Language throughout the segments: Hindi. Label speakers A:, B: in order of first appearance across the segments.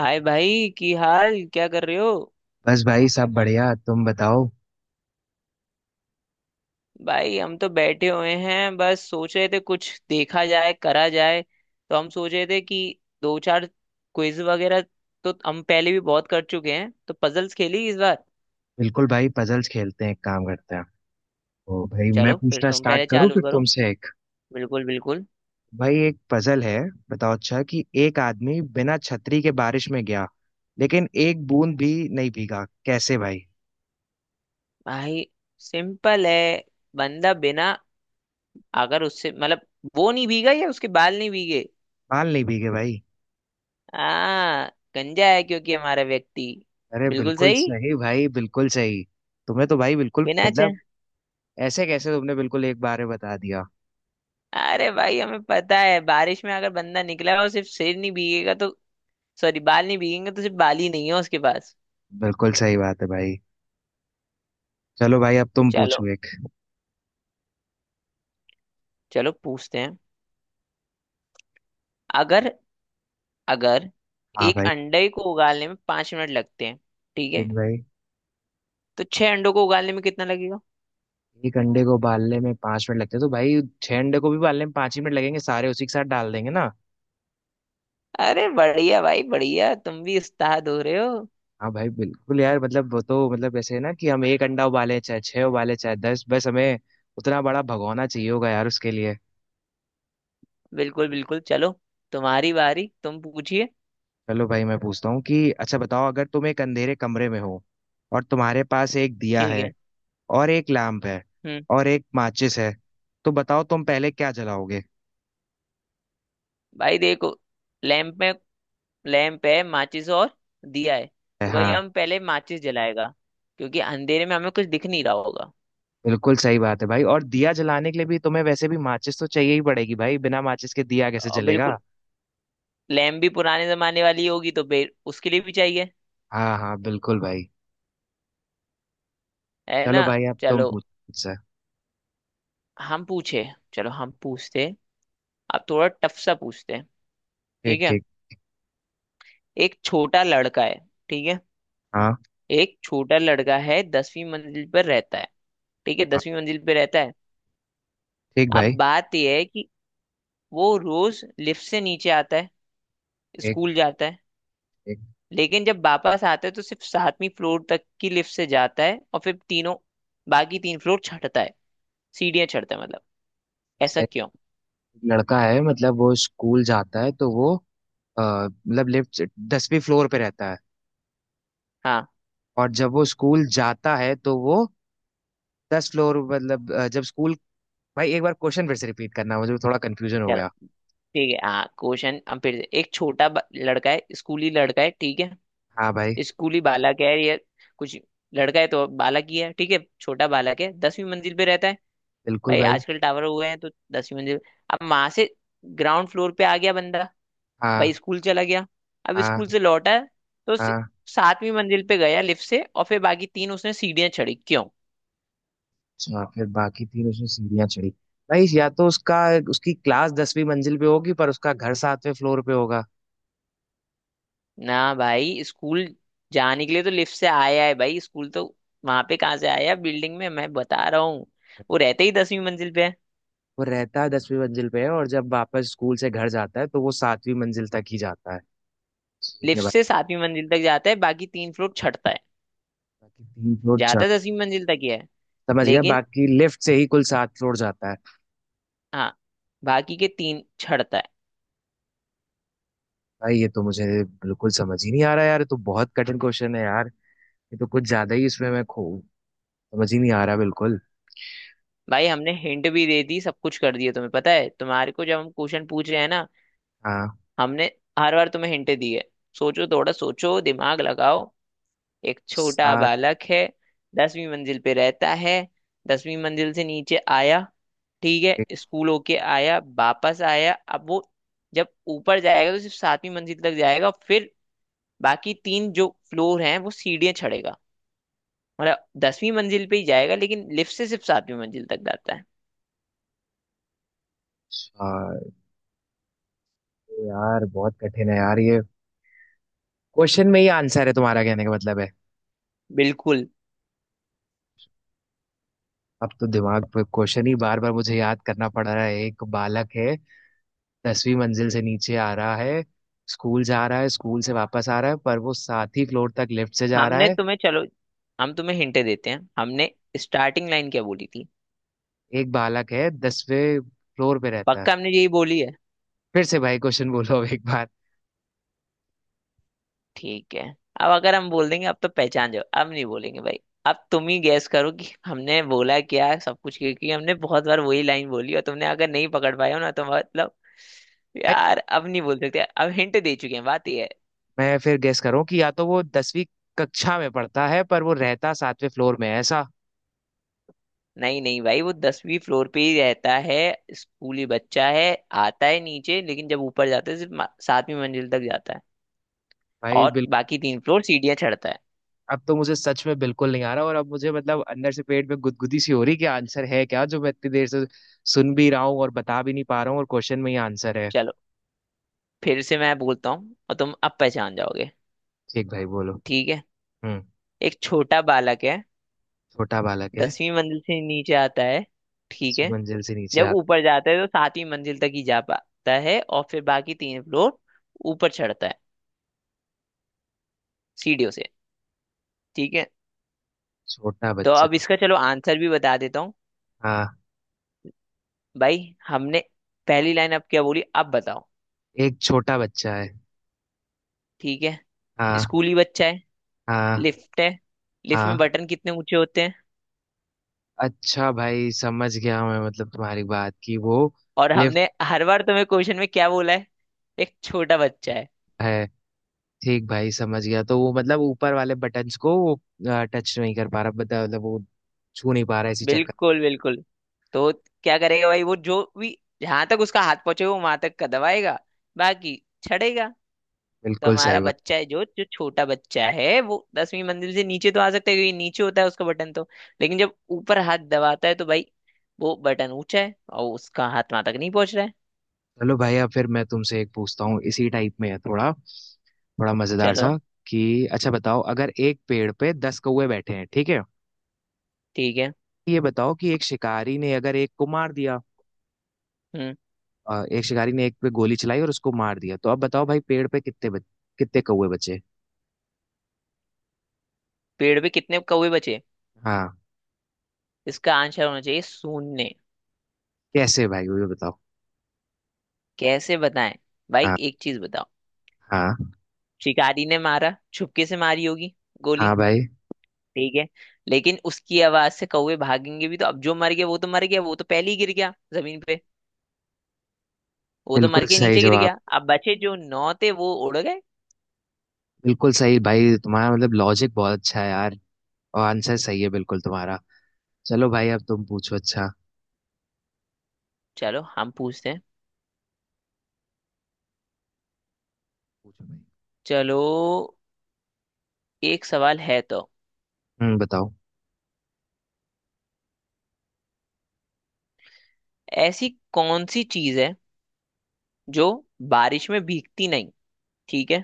A: हाय भाई, की हाल क्या कर रहे हो?
B: बस भाई सब बढ़िया। तुम बताओ।
A: भाई, हम तो बैठे हुए हैं। बस सोच रहे थे कुछ देखा जाए, करा जाए। तो हम सोच रहे थे कि दो चार क्विज वगैरह तो हम पहले भी बहुत कर चुके हैं, तो पजल्स खेली इस बार।
B: बिल्कुल भाई पजल्स खेलते हैं, एक काम करते हैं। ओ भाई मैं
A: चलो फिर
B: पूछना
A: तुम
B: स्टार्ट
A: पहले
B: करूं,
A: चालू
B: फिर
A: करो।
B: तुमसे एक।
A: बिल्कुल बिल्कुल।
B: भाई एक पजल है। बताओ अच्छा कि एक आदमी बिना छतरी के बारिश में गया लेकिन एक बूंद भी नहीं भीगा, कैसे भाई?
A: भाई सिंपल है। बंदा बिना, अगर उससे मतलब वो नहीं भीगा या उसके बाल नहीं भीगे?
B: बाल नहीं भीगे भाई?
A: हाँ, गंजा है क्योंकि हमारा व्यक्ति।
B: अरे
A: बिल्कुल
B: बिल्कुल
A: सही।
B: सही भाई, बिल्कुल सही। तुम्हें तो भाई बिल्कुल
A: बिना।
B: मतलब, ऐसे कैसे तुमने बिल्कुल एक बार में बता दिया?
A: अरे भाई, हमें पता है बारिश में अगर बंदा निकला और सिर्फ सिर नहीं भीगेगा तो, सॉरी, बाल नहीं भीगेंगे तो सिर्फ बाल ही नहीं है उसके पास।
B: बिल्कुल सही बात है भाई। चलो भाई अब तुम पूछो
A: चलो,
B: एक।
A: चलो पूछते हैं। अगर अगर
B: हाँ
A: एक
B: भाई।
A: अंडे को उगालने में 5 मिनट लगते हैं, ठीक है?
B: ठीक भाई।
A: तो छह अंडों को उगालने में कितना लगेगा?
B: एक अंडे को उबालने में 5 मिनट लगते हैं तो भाई छह अंडे को भी उबालने में पांच ही मिनट लगेंगे, सारे उसी के साथ डाल देंगे ना।
A: अरे बढ़िया भाई बढ़िया, तुम भी उस्ताद हो रहे हो।
B: हाँ भाई बिल्कुल यार, मतलब वो तो मतलब ऐसे है ना कि हम एक अंडा उबाले चाहे छह उबाले चाहे दस, बस हमें उतना बड़ा भगोना चाहिए होगा यार उसके लिए।
A: बिल्कुल बिल्कुल। चलो तुम्हारी बारी, तुम पूछिए।
B: चलो भाई मैं पूछता हूँ कि अच्छा बताओ, अगर तुम एक अंधेरे कमरे में हो और तुम्हारे पास एक दिया
A: ठीक
B: है
A: है।
B: और एक लैम्प है
A: हम्म
B: और एक माचिस है तो बताओ तुम पहले क्या जलाओगे?
A: भाई देखो। लैंप में, लैंप है, माचिस और दिया है। तो भाई
B: हाँ।
A: हम पहले माचिस जलाएगा, क्योंकि अंधेरे में हमें कुछ दिख नहीं रहा होगा।
B: बिल्कुल सही बात है भाई, और दिया जलाने के लिए भी तुम्हें वैसे भी माचिस तो चाहिए ही पड़ेगी भाई, बिना माचिस के दिया कैसे
A: और
B: जलेगा?
A: बिल्कुल, लैंप भी पुराने जमाने वाली होगी तो फिर उसके लिए भी चाहिए।
B: हाँ हाँ बिल्कुल भाई।
A: है
B: चलो
A: ना?
B: भाई अब तुम
A: चलो
B: पूछो मुझसे।
A: हम पूछे, चलो हम पूछते, अब थोड़ा टफ सा पूछते हैं।
B: ठीक
A: ठीक है।
B: ठीक।
A: एक छोटा लड़का है। ठीक है,
B: हाँ।
A: एक छोटा लड़का है, 10वीं मंजिल पर रहता है। ठीक है,
B: हाँ।
A: 10वीं मंजिल पे रहता है।
B: ठीक
A: अब
B: भाई।
A: बात यह है कि वो रोज लिफ्ट से नीचे आता है, स्कूल
B: ठीक
A: जाता है,
B: ठीक।
A: लेकिन जब वापस आता है तो सिर्फ सातवीं फ्लोर तक की लिफ्ट से जाता है और फिर तीनों, बाकी तीन फ्लोर चढ़ता है, सीढ़ियां चढ़ता है मतलब।
B: अच्छा
A: ऐसा
B: एक
A: क्यों?
B: लड़का है, मतलब वो स्कूल जाता है तो वो अ, मतलब लिफ्ट, 10वीं फ्लोर पे रहता है
A: हाँ,
B: और जब वो स्कूल जाता है तो वो दस फ्लोर, मतलब जब स्कूल, भाई एक बार क्वेश्चन फिर से रिपीट करना, मुझे थोड़ा कंफ्यूजन हो
A: चलो
B: गया।
A: ठीक है। हाँ, क्वेश्चन हम फिर से। एक छोटा लड़का है, स्कूली लड़का है, ठीक है।
B: हाँ भाई।
A: स्कूली बालक है या कुछ, लड़का है तो बालक ही है। ठीक है, छोटा बालक है, दसवीं मंजिल पे रहता है।
B: बिल्कुल
A: भाई
B: भाई।
A: आजकल टावर हुए हैं तो 10वीं मंजिल। अब वहां से ग्राउंड फ्लोर पे आ गया बंदा,
B: हाँ।
A: भाई स्कूल चला गया। अब स्कूल
B: हाँ।
A: से लौटा तो
B: हाँ।
A: सातवीं मंजिल पे गया लिफ्ट से और फिर बाकी तीन उसने सीढ़ियां चढ़ी। क्यों?
B: अच्छा फिर बाकी तीन उसने सीढ़ियां चढ़ी। भाई या तो उसका, उसकी क्लास 10वीं मंजिल पे होगी पर उसका घर 7वें फ्लोर पे होगा।
A: ना भाई, स्कूल जाने के लिए तो लिफ्ट से आया है भाई, स्कूल तो। वहां पे कहाँ से आया, बिल्डिंग में मैं बता रहा हूँ, वो रहते ही 10वीं मंजिल पे है।
B: वो रहता है, 10वीं मंजिल पे है, और जब वापस स्कूल से घर जाता है तो वो 7वीं मंजिल तक ही जाता है। ठीक है
A: लिफ्ट
B: भाई।
A: से सातवीं मंजिल तक जाता है, बाकी तीन फ्लोर चढ़ता है।
B: बाकी 3 फ्लोर चढ़।
A: जाता 10वीं मंजिल तक ही है
B: समझ गया,
A: लेकिन।
B: बाकी लिफ्ट से ही कुल 7 फ्लोर जाता है।
A: हाँ, बाकी के तीन चढ़ता है।
B: भाई ये तो मुझे बिल्कुल समझ ही नहीं आ रहा यार, ये तो बहुत कठिन क्वेश्चन है यार। ये तो कुछ ज्यादा ही इसमें मैं खो, समझ ही नहीं आ रहा बिल्कुल।
A: भाई हमने हिंट भी दे दी, सब कुछ कर दिया। तुम्हें पता है तुम्हारे को, जब हम क्वेश्चन पूछ रहे हैं ना,
B: हाँ।
A: हमने हर बार तुम्हें हिंट दी है। सोचो, थोड़ा सोचो, दिमाग लगाओ। एक छोटा
B: सात।
A: बालक है, 10वीं मंजिल पे रहता है, 10वीं मंजिल से नीचे आया। ठीक
B: एक,
A: है, स्कूल होके आया, वापस आया, अब वो जब ऊपर जाएगा तो सिर्फ सातवीं मंजिल तक जाएगा, फिर बाकी तीन जो फ्लोर हैं वो सीढ़ियां चढ़ेगा, मतलब 10वीं मंजिल पे ही जाएगा लेकिन लिफ्ट से सिर्फ सातवीं मंजिल तक जाता है।
B: चार। यार बहुत कठिन है यार ये, क्वेश्चन में ही आंसर है तुम्हारा कहने का मतलब है।
A: बिल्कुल।
B: अब तो दिमाग पे क्वेश्चन ही बार बार मुझे याद करना पड़ रहा है, एक बालक है, 10वीं मंजिल से नीचे आ रहा है, स्कूल जा रहा है, स्कूल से वापस आ रहा है, पर वो सात ही फ्लोर तक लिफ्ट से जा रहा
A: हमने
B: है।
A: तुम्हें, चलो हम तुम्हें हिंट देते हैं। हमने स्टार्टिंग लाइन क्या बोली थी?
B: एक बालक है, 10वें फ्लोर पे रहता है।
A: पक्का हमने यही बोली है।
B: फिर से भाई क्वेश्चन बोलो अब एक बार।
A: ठीक है। अब अगर हम बोल देंगे, अब तो पहचान जाओ। अब नहीं बोलेंगे भाई। अब तुम ही गैस करो कि हमने बोला क्या, सब कुछ, क्योंकि हमने बहुत बार वही लाइन बोली, और तुमने अगर नहीं पकड़ पाए हो ना, तो मतलब
B: भाई,
A: यार, अब नहीं बोल सकते। अब हिंट दे चुके हैं, बात ये है।
B: मैं फिर गेस करूं कि या तो वो 10वीं कक्षा में पढ़ता है पर वो रहता 7वें फ्लोर में है, ऐसा?
A: नहीं नहीं भाई, वो 10वीं फ्लोर पे ही रहता है। स्कूली बच्चा है, आता है नीचे, लेकिन जब ऊपर जाता है सिर्फ सातवीं मंजिल तक जाता है
B: भाई
A: और बाकी तीन फ्लोर सीढ़ियां चढ़ता है।
B: अब तो मुझे सच में बिल्कुल नहीं आ रहा, और अब मुझे मतलब अंदर से पेट में गुदगुदी सी हो रही कि आंसर है क्या, जो मैं इतनी देर से सुन भी रहा हूँ और बता भी नहीं पा रहा हूँ, और क्वेश्चन में ही आंसर है।
A: चलो फिर से मैं बोलता हूँ और तुम अब पहचान जाओगे।
B: ठीक भाई, बोलो।
A: ठीक है।
B: हम्म।
A: एक छोटा बालक है,
B: छोटा बालक है।
A: दसवीं मंजिल से नीचे आता है, ठीक
B: दसवीं
A: है,
B: मंजिल से नीचे
A: जब
B: आता।
A: ऊपर जाता है तो सातवीं मंजिल तक ही जा पाता है और फिर बाकी तीन फ्लोर ऊपर चढ़ता है, सीढ़ियों से। ठीक है,
B: छोटा
A: तो
B: बच्चा।
A: अब इसका चलो आंसर भी बता देता हूँ
B: हाँ।
A: भाई। हमने पहली लाइन अब क्या बोली, अब बताओ?
B: एक छोटा बच्चा है।
A: ठीक है,
B: हाँ।
A: स्कूली बच्चा है,
B: हाँ।
A: लिफ्ट है, लिफ्ट
B: हाँ।
A: में बटन कितने ऊंचे होते हैं?
B: अच्छा भाई समझ गया मैं, मतलब तुम्हारी बात, कि वो
A: और
B: लिफ्ट
A: हमने हर बार तुम्हें क्वेश्चन में क्या बोला है? एक छोटा बच्चा है।
B: है, ठीक भाई समझ गया, तो वो मतलब ऊपर वाले बटन्स को वो टच नहीं कर पा रहा, मतलब वो छू नहीं पा रहा इसी चक्कर।
A: बिल्कुल बिल्कुल। तो क्या करेगा भाई? वो, जो भी, जहां तक उसका हाथ पहुंचे वो वहां तक दबाएगा, बाकी छड़ेगा। तो
B: बिल्कुल सही
A: हमारा
B: बात।
A: बच्चा है जो जो छोटा बच्चा है, वो 10वीं मंजिल से नीचे तो आ सकता है क्योंकि नीचे होता है उसका बटन तो, लेकिन जब ऊपर हाथ दबाता है तो भाई, वो बटन ऊंचा है और उसका हाथ वहां तक नहीं पहुंच रहा है।
B: चलो भैया, फिर मैं तुमसे एक पूछता हूँ, इसी टाइप में है, थोड़ा थोड़ा मजेदार
A: चलो।
B: सा, कि अच्छा बताओ, अगर एक पेड़ पे दस कौवे बैठे हैं, ठीक है?
A: ठीक है।
B: ये बताओ कि एक शिकारी ने अगर एक को मार दिया,
A: हम्म
B: एक शिकारी ने एक पे गोली चलाई और उसको मार दिया तो अब बताओ भाई पेड़ पे कितने कितने कौवे बचे?
A: पेड़ पे कितने कौवे बचे?
B: हाँ।
A: इसका आंसर होना चाहिए शून्य।
B: कैसे भाई, वो भी बताओ।
A: कैसे बताएं? भाई
B: हाँ।
A: एक चीज बताओ,
B: हाँ।
A: शिकारी ने मारा, छुपके से मारी होगी
B: हाँ
A: गोली,
B: भाई।
A: ठीक है? लेकिन उसकी आवाज से कौवे भागेंगे भी तो। अब जो मर गया वो तो मर गया, वो तो पहले ही गिर गया जमीन पे, वो तो मर
B: बिल्कुल
A: के
B: सही
A: नीचे गिर
B: जवाब।
A: गया। अब बचे जो नौ थे वो उड़ गए।
B: बिल्कुल सही भाई, तुम्हारा मतलब लॉजिक बहुत अच्छा है यार, और आंसर सही है बिल्कुल तुम्हारा। चलो भाई अब तुम पूछो अच्छा।
A: चलो हम पूछते हैं,
B: पूछो भाई।
A: चलो। एक सवाल है तो।
B: हम्म, बताओ।
A: ऐसी कौन सी चीज है जो बारिश में भीगती नहीं? ठीक है,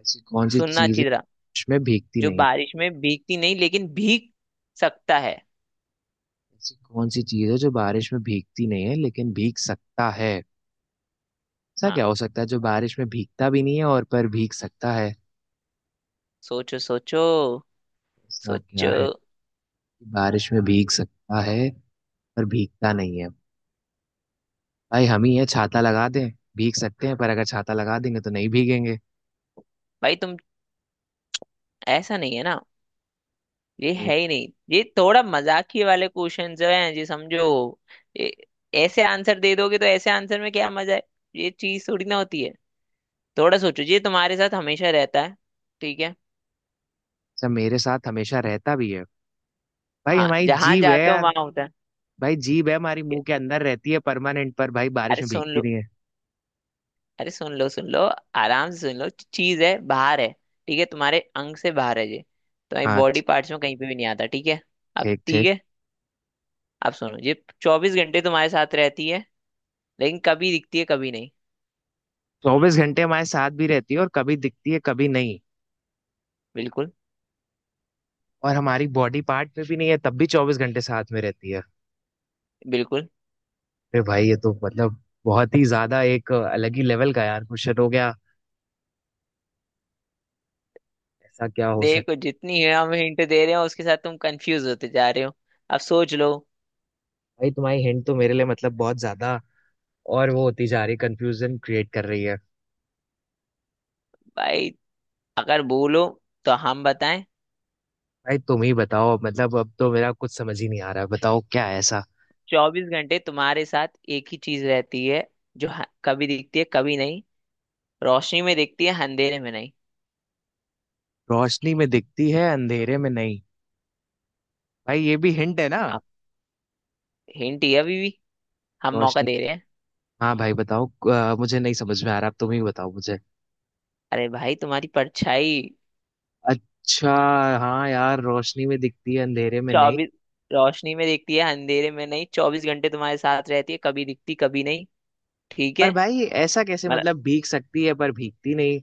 B: ऐसी कौन सी
A: सुनना
B: चीज है
A: अच्छी तरह।
B: बारिश में भीगती
A: जो
B: नहीं है?
A: बारिश में भीगती नहीं लेकिन भीग सकता है।
B: ऐसी कौन सी चीज है जो बारिश में भीगती नहीं है लेकिन भीग सकता है? ऐसा
A: हाँ,
B: क्या हो सकता है जो बारिश में भीगता भी नहीं है और पर भीग सकता है?
A: सोचो, सोचो,
B: ऐसा क्या
A: सोचो।
B: है कि बारिश में भीग सकता है पर भीगता नहीं है? भाई हम ही है, छाता लगा दें, भीग सकते हैं पर अगर छाता लगा देंगे तो नहीं भीगेंगे।
A: भाई तुम, ऐसा नहीं है ना, ये
B: तो
A: है ही नहीं। ये थोड़ा मजाकी वाले क्वेश्चन जो हैं जी, समझो। ये ऐसे आंसर दे दोगे तो ऐसे आंसर में क्या मजा है? ये चीज थोड़ी ना होती है। थोड़ा सोचो, ये तुम्हारे साथ हमेशा रहता है, ठीक है?
B: सब मेरे साथ हमेशा रहता भी है। भाई
A: हाँ,
B: हमारी
A: जहां
B: जीभ है
A: जाते हो
B: यार।
A: वहां होता है।
B: भाई जीभ है हमारी,
A: ठीक
B: मुंह के
A: है।
B: अंदर रहती है परमानेंट, पर भाई बारिश
A: अरे
B: में
A: सुन
B: भीगती
A: लो,
B: नहीं है।
A: अरे सुन लो, सुन लो, आराम से सुन लो। चीज है, बाहर है, ठीक है, तुम्हारे अंग से बाहर है ये, तुम्हारी
B: हाँ
A: बॉडी
B: ठीक।
A: पार्ट्स में कहीं पे भी नहीं आता। ठीक है, अब
B: ठीक
A: ठीक
B: ठीक।
A: है। अब सुनो, ये 24 घंटे तुम्हारे साथ रहती है, लेकिन कभी दिखती है कभी नहीं।
B: 24 घंटे हमारे साथ भी रहती है और कभी दिखती है कभी नहीं,
A: बिल्कुल
B: और हमारी बॉडी पार्ट में भी नहीं है तब भी 24 घंटे साथ में रहती है।
A: बिल्कुल।
B: अरे भाई ये तो मतलब बहुत ही ज्यादा एक अलग ही लेवल का यार क्वेश्चन हो गया। ऐसा क्या हो सकता है?
A: देखो जितनी है हम हिंट दे रहे हो, उसके साथ तुम कंफ्यूज होते जा रहे हो। अब सोच लो।
B: भाई तुम्हारी हिंट तो मेरे लिए मतलब बहुत ज्यादा, और वो होती जा रही, कंफ्यूजन क्रिएट कर रही है।
A: भाई, अगर बोलो तो हम बताएं।
B: भाई तुम ही बताओ, मतलब अब तो मेरा कुछ समझ ही नहीं आ रहा है, बताओ क्या है ऐसा।
A: 24 घंटे तुम्हारे साथ एक ही चीज रहती है, जो कभी दिखती है कभी नहीं, रोशनी में दिखती है अंधेरे में नहीं।
B: रोशनी में दिखती है अंधेरे में नहीं, भाई ये भी हिंट है ना?
A: अब हिंट ये, अभी भी हम मौका
B: रोशनी।
A: दे रहे हैं।
B: हाँ भाई बताओ। मुझे नहीं समझ में आ रहा, अब तुम ही बताओ मुझे।
A: अरे भाई, तुम्हारी परछाई।
B: अच्छा। हाँ यार रोशनी में दिखती है अंधेरे में नहीं।
A: 24, रोशनी में दिखती है अंधेरे में नहीं, 24 घंटे तुम्हारे साथ रहती है, कभी दिखती कभी नहीं, ठीक
B: पर
A: है?
B: भाई ऐसा कैसे,
A: मतलब
B: मतलब भीग सकती है पर भीगती नहीं?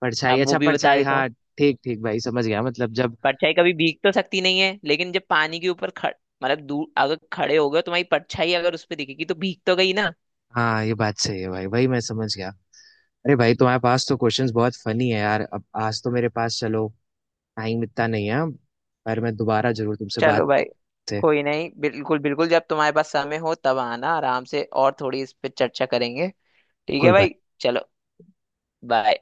B: परछाई,
A: अब वो
B: अच्छा
A: भी बता
B: परछाई,
A: देता हूँ।
B: हाँ ठीक ठीक भाई समझ गया मतलब जब।
A: परछाई कभी भीग तो सकती नहीं है, लेकिन जब पानी के ऊपर खड़ मतलब दूर अगर खड़े हो गए, तुम्हारी परछाई अगर उस पर दिखेगी तो भीग तो गई ना।
B: हाँ ये बात सही है भाई, भाई मैं समझ गया। अरे भाई तुम्हारे पास तो क्वेश्चंस बहुत फनी है यार, अब आज तो मेरे पास चलो, टाइम इतना नहीं है, पर मैं दोबारा जरूर तुमसे
A: चलो
B: बात
A: भाई।
B: से।
A: कोई नहीं, बिल्कुल बिल्कुल, जब तुम्हारे पास समय हो तब आना आराम से और थोड़ी इस पे चर्चा करेंगे। ठीक है
B: बिल्कुल
A: भाई।
B: भाई।
A: चलो, बाय।